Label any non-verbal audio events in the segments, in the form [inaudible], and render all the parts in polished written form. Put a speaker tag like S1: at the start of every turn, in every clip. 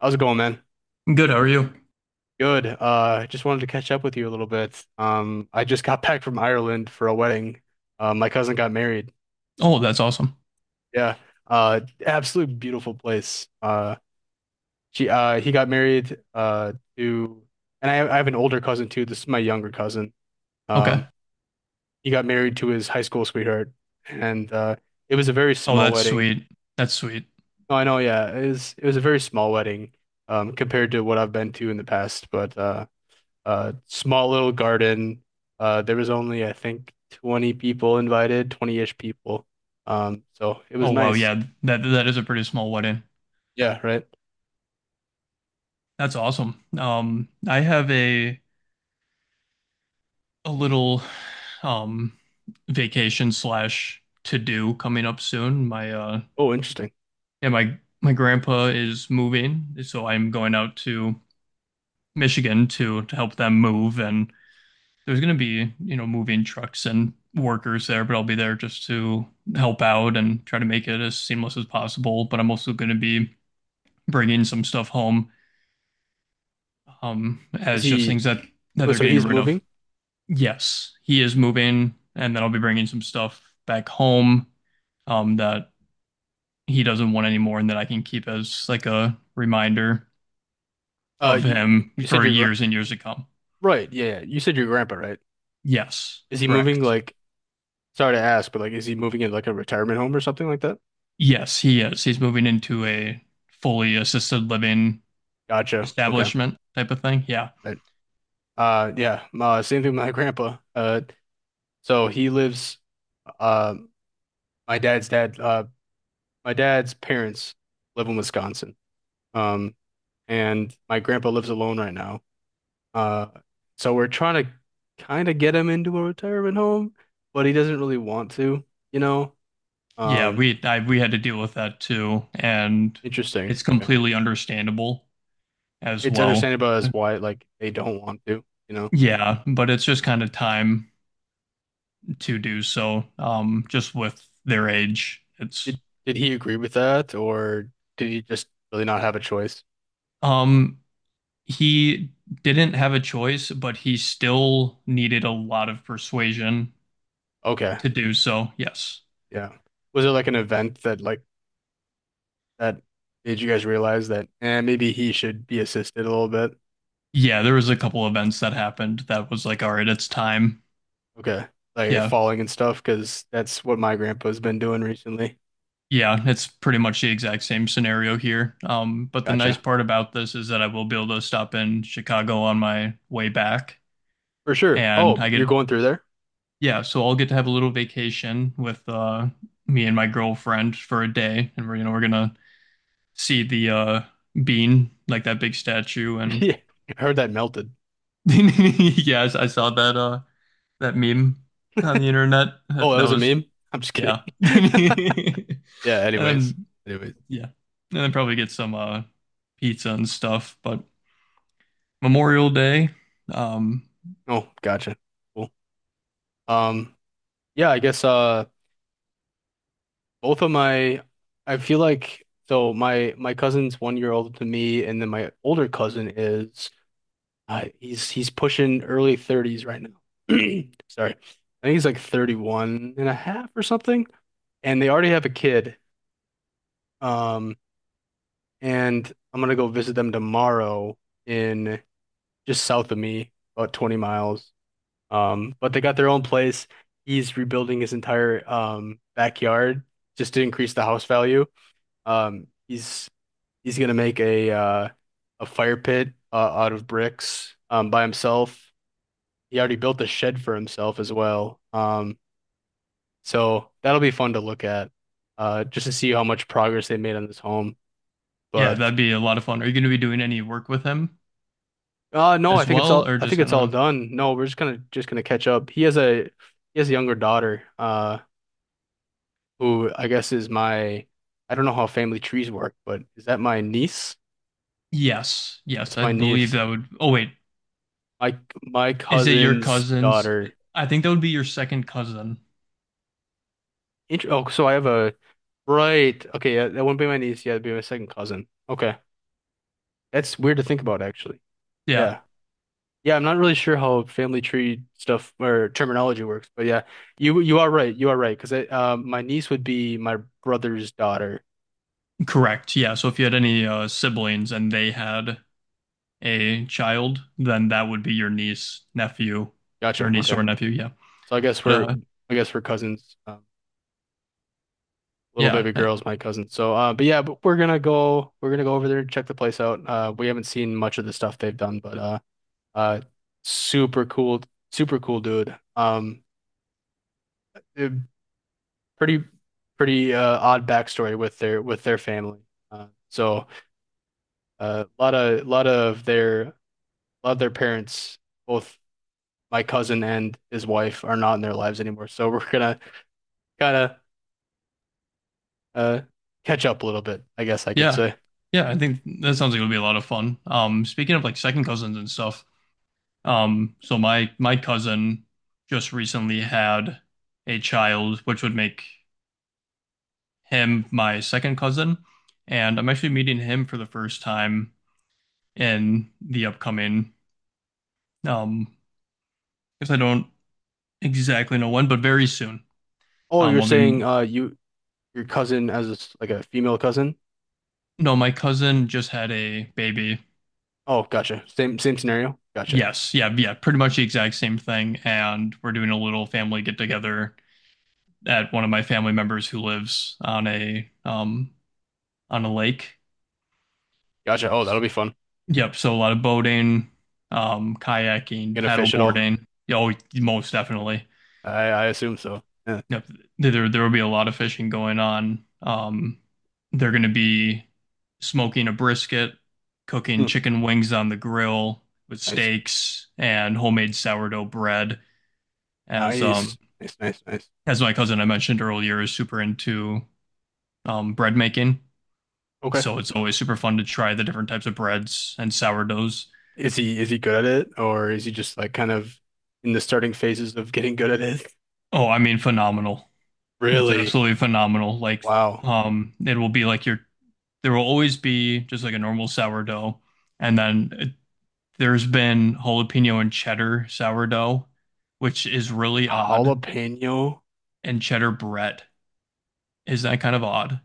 S1: How's it going, man?
S2: Good, how are you?
S1: Good. Just wanted to catch up with you a little bit. I just got [laughs] back from Ireland for a wedding. My cousin got married.
S2: Oh, that's awesome.
S1: Yeah. Uh, Absolute beautiful place. She He got married to, and I have an older cousin too. This is my younger cousin.
S2: Okay.
S1: Um, he got married to his high school sweetheart, and it was a very
S2: Oh,
S1: small
S2: that's
S1: wedding.
S2: sweet. That's sweet.
S1: Oh, I know. Yeah, it was a very small wedding, compared to what I've been to in the past, but small little garden. There was only, I think, 20 people invited, 20-ish people. So it was
S2: Oh, wow.
S1: nice.
S2: Yeah, that is a pretty small wedding.
S1: Yeah, right.
S2: That's awesome. I have a little um vacation slash to do coming up soon. My
S1: Oh, interesting.
S2: yeah, my grandpa is moving, so I'm going out to Michigan to help them move, and there's going to be, you know, moving trucks and workers there, but I'll be there just to help out and try to make it as seamless as possible. But I'm also going to be bringing some stuff home,
S1: Is
S2: as just
S1: he
S2: things that
S1: Oh,
S2: they're
S1: so
S2: getting
S1: he's
S2: rid of.
S1: moving?
S2: Yes, he is moving, and then I'll be bringing some stuff back home, that he doesn't want anymore, and that I can keep as like a reminder of
S1: You,
S2: him
S1: you said
S2: for
S1: your gra-
S2: years and years to come.
S1: Right. Yeah, yeah. You said your grandpa, right?
S2: Yes,
S1: Is he moving
S2: correct.
S1: like Sorry to ask, but like, is he moving in like a retirement home or something like that?
S2: Yes, he is. He's moving into a fully assisted living
S1: Gotcha. Okay.
S2: establishment type of thing. Yeah.
S1: Right. Yeah, same thing with my grandpa. So he lives uh my dad's dad uh my dad's parents live in Wisconsin. Um, and my grandpa lives alone right now. Uh, so we're trying to kind of get him into a retirement home, but he doesn't really want to, you know?
S2: Yeah,
S1: Um,
S2: we had to deal with that too, and
S1: Interesting.
S2: it's
S1: Okay.
S2: completely understandable as
S1: It's
S2: well.
S1: understandable as why like they don't want to, you know?
S2: Yeah, but it's just kind of time to do so. Just with their age, it's
S1: Did did he agree with that, or did he just really not have a choice?
S2: um he didn't have a choice, but he still needed a lot of persuasion
S1: Okay.
S2: to do so. Yes.
S1: Yeah. Was there like an event that that made you guys realize that, eh, maybe he should be assisted a little bit?
S2: Yeah, there was a couple events that happened that was like, all right, it's time.
S1: Okay. Like
S2: Yeah.
S1: falling and stuff, because that's what my grandpa's been doing recently.
S2: Yeah, it's pretty much the exact same scenario here. But the nice
S1: Gotcha.
S2: part about this is that I will be able to stop in Chicago on my way back,
S1: For sure.
S2: and
S1: Oh,
S2: I get
S1: you're going through there?
S2: yeah, so I'll get to have a little vacation with me and my girlfriend for a day, and we're you know we're gonna see the bean, like that big statue,
S1: [laughs]
S2: and
S1: Yeah. I heard that melted.
S2: [laughs] yes, I saw that that meme on the internet.
S1: [laughs] Oh,
S2: That,
S1: that
S2: that
S1: was a
S2: was
S1: meme? I'm just kidding.
S2: yeah,
S1: [laughs]
S2: [laughs] and
S1: Yeah, anyways.
S2: then
S1: Anyways.
S2: Yeah. And then probably get some pizza and stuff. But Memorial Day, um,
S1: Oh, gotcha. Cool. Um, yeah, I guess both of my I feel like, so my cousin's 1 year older than me, and then my older cousin is he's pushing early 30s right now. [clears throat] Sorry. I think he's like 31 and a half or something, and they already have a kid. Um, and I'm gonna go visit them tomorrow in just south of me, about 20 miles. But they got their own place. He's rebuilding his entire backyard just to increase the house value. Um, he's he's gonna make a fire pit, out of bricks by himself. He already built a shed for himself as well. So that'll be fun to look at, just to see how much progress they made on this home.
S2: yeah,
S1: But
S2: that'd be a lot of fun. Are you gonna be doing any work with him
S1: No, I
S2: as
S1: think it's
S2: well,
S1: all
S2: or just gonna
S1: done. No, we're just gonna catch up. He has a younger daughter, who I guess is my, I don't know how family trees work, but is that my niece?
S2: Yes, yes,
S1: That's
S2: I
S1: my
S2: believe
S1: niece.
S2: that would oh wait,
S1: My my
S2: is it your
S1: cousin's
S2: cousin's?
S1: daughter.
S2: I think that would be your second cousin.
S1: So I have a, right. Okay, yeah, that wouldn't be my niece. Yeah, it'd be my second cousin. Okay, that's weird to think about actually.
S2: Yeah,
S1: Yeah. Yeah, I'm not really sure how family tree stuff or terminology works, but yeah, you are right. You are right because, my niece would be my brother's daughter.
S2: correct. Yeah, so if you had any siblings and they had a child, then that would be your niece, nephew, or
S1: Gotcha.
S2: niece
S1: Okay,
S2: or nephew, yeah.
S1: so
S2: But
S1: I guess we're cousins. Little
S2: yeah.
S1: baby girl's my cousin. So, but yeah, but we're gonna go, over there and check the place out. We haven't seen much of the stuff they've done, but uh, super cool, super cool dude. Eh, Pretty odd backstory with their family. Uh, so. A lot of, lot of their a lot of their parents, both my cousin and his wife, are not in their lives anymore. So [laughs] we're gonna kind of uh catch up a little bit, I guess I could
S2: Yeah.
S1: say.
S2: Yeah, I think that sounds like it would be a lot of fun. Speaking of like second cousins and stuff, so my cousin just recently had a child, which would make him my second cousin, and I'm actually meeting him for the first time in the upcoming, um, I guess I don't exactly know when, but very soon.
S1: Oh,
S2: Um,
S1: you're
S2: I'll be,
S1: saying your cousin as a s like a female cousin?
S2: no, my cousin just had a baby.
S1: Oh, gotcha. Same same scenario. Gotcha.
S2: Yes, yeah, yeah, pretty much the exact same thing, and we're doing a little family get together at one of my family members who lives on a lake.
S1: Gotcha. Oh, that'll be fun.
S2: Yep, so a lot of boating, kayaking,
S1: Gonna
S2: paddle
S1: fish at all?
S2: boarding. Yeah, oh, most definitely.
S1: I assume so. Yeah.
S2: Yep, there will be a lot of fishing going on. They're going to be smoking a brisket, cooking
S1: Hmm.
S2: chicken wings on the grill with
S1: Nice.
S2: steaks and homemade sourdough bread. As
S1: Nice.
S2: um
S1: Nice. Nice. Nice.
S2: as my cousin I mentioned earlier is super into bread making.
S1: Okay.
S2: So it's always super fun to try the different types of breads and sourdoughs.
S1: Is he good at it, or is he just like kind of in the starting phases of getting good at it?
S2: Oh, I mean, phenomenal. It's
S1: Really?
S2: absolutely phenomenal. Like,
S1: Wow.
S2: it will be like your, there will always be just like a normal sourdough. And then there's been jalapeno and cheddar sourdough, which is really odd.
S1: Jalapeno.
S2: And cheddar bread is that kind of odd.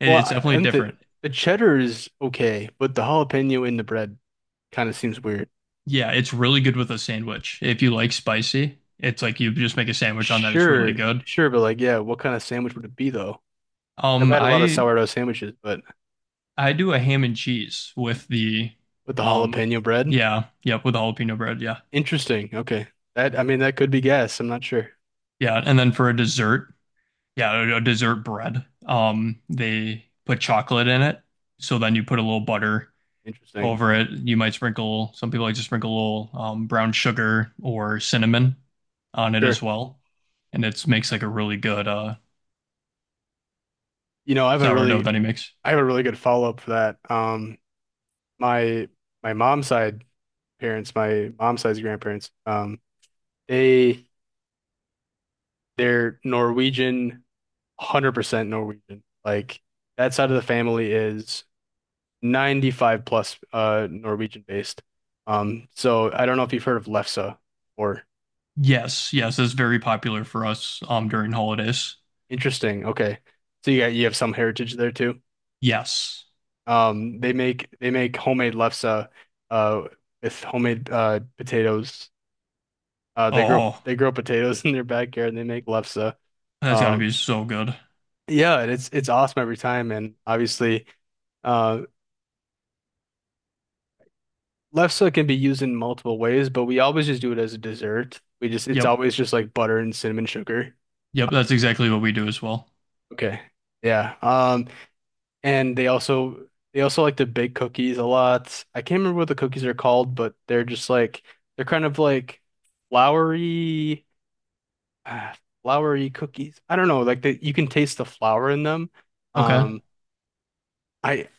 S1: Well,
S2: It's
S1: I-
S2: definitely
S1: and the
S2: different.
S1: the cheddar is okay, but the jalapeno in the bread kind of seems weird.
S2: Yeah, it's really good with a sandwich. If you like spicy, it's like you just make a sandwich on that. It's really
S1: Sure,
S2: good.
S1: sure, but like, yeah, what kind of sandwich would it be though? I've
S2: Um,
S1: had a lot of
S2: I
S1: sourdough sandwiches, but
S2: I do a ham and cheese with the,
S1: with the
S2: um,
S1: jalapeno bread,
S2: yeah, yep, with the jalapeno bread, yeah,
S1: interesting. Okay, that, I mean, that could be gas. I'm not sure.
S2: yeah, and then for a dessert, yeah, a dessert bread. They put chocolate in it, so then you put a little butter
S1: Interesting.
S2: over it. You might sprinkle. Some people like to sprinkle a little brown sugar or cinnamon on it as
S1: Sure.
S2: well, and it makes like a really good
S1: I have a
S2: sourdough
S1: really,
S2: that he makes.
S1: good follow-up for that. My mom's side parents, my mom's side's grandparents, they. They're Norwegian, 100% Norwegian. Like that side of the family is 95 plus Norwegian based. So I don't know if you've heard of Lefse or,
S2: Yes, yes, that's very popular for us during holidays.
S1: interesting. Okay. You have some heritage there too.
S2: Yes.
S1: They make homemade lefse uh with homemade potatoes.
S2: Oh,
S1: They grow potatoes [laughs] in their backyard and they make lefse.
S2: that's got to
S1: Uh,
S2: be so good.
S1: yeah, and it's awesome every time, and obviously, um lefse can be used in multiple ways, but we always just do it as a dessert. We just It's
S2: Yep.
S1: always just like butter and cinnamon sugar.
S2: Yep. That's exactly what we do as well.
S1: Okay. Yeah. And they also, like to bake cookies a lot. I can't remember what the cookies are called, but they're just like, they're kind of like floury, ah, floury cookies. I don't know, like, you can taste the flour in them.
S2: Okay.
S1: Um, I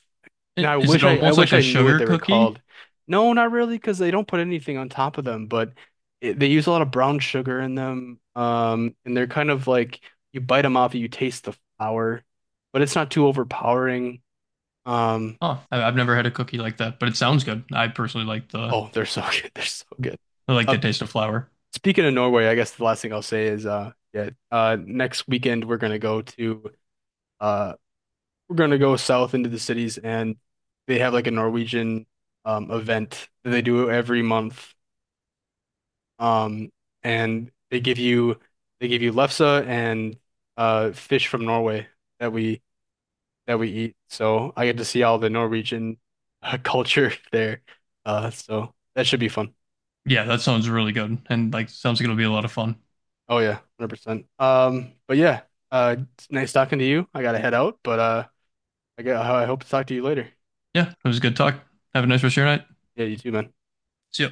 S2: I-
S1: I
S2: Is it
S1: wish I
S2: almost like
S1: wish
S2: a
S1: I knew what
S2: sugar
S1: they were
S2: cookie?
S1: called. No, not really, because they don't put anything on top of them, but it, they use a lot of brown sugar in them. And they're kind of like, you bite them off, you taste the flour, but it's not too overpowering. Um,
S2: Huh. I- I've never had a cookie like that, but it sounds good.
S1: oh, they're so [laughs] good. They're so good.
S2: I like the
S1: Uh,
S2: taste of flour.
S1: Speaking of Norway, I guess the last thing I'll say is yeah, next weekend we're gonna go to uh we're gonna go south into the cities, and they have like a Norwegian event that they do every month. Um, and they give you lefse and fish from Norway that we eat. So I get to see all the Norwegian, [laughs] culture there. So that should be fun.
S2: Yeah, that sounds really good, and like sounds like it'll be a lot of fun.
S1: Oh yeah, 100%. But yeah, it's nice talking to you. I gotta head out, but I hope to talk to you later.
S2: Yeah, it was a good talk. Have a nice rest of your night.
S1: Yeah, you too, man.
S2: See ya.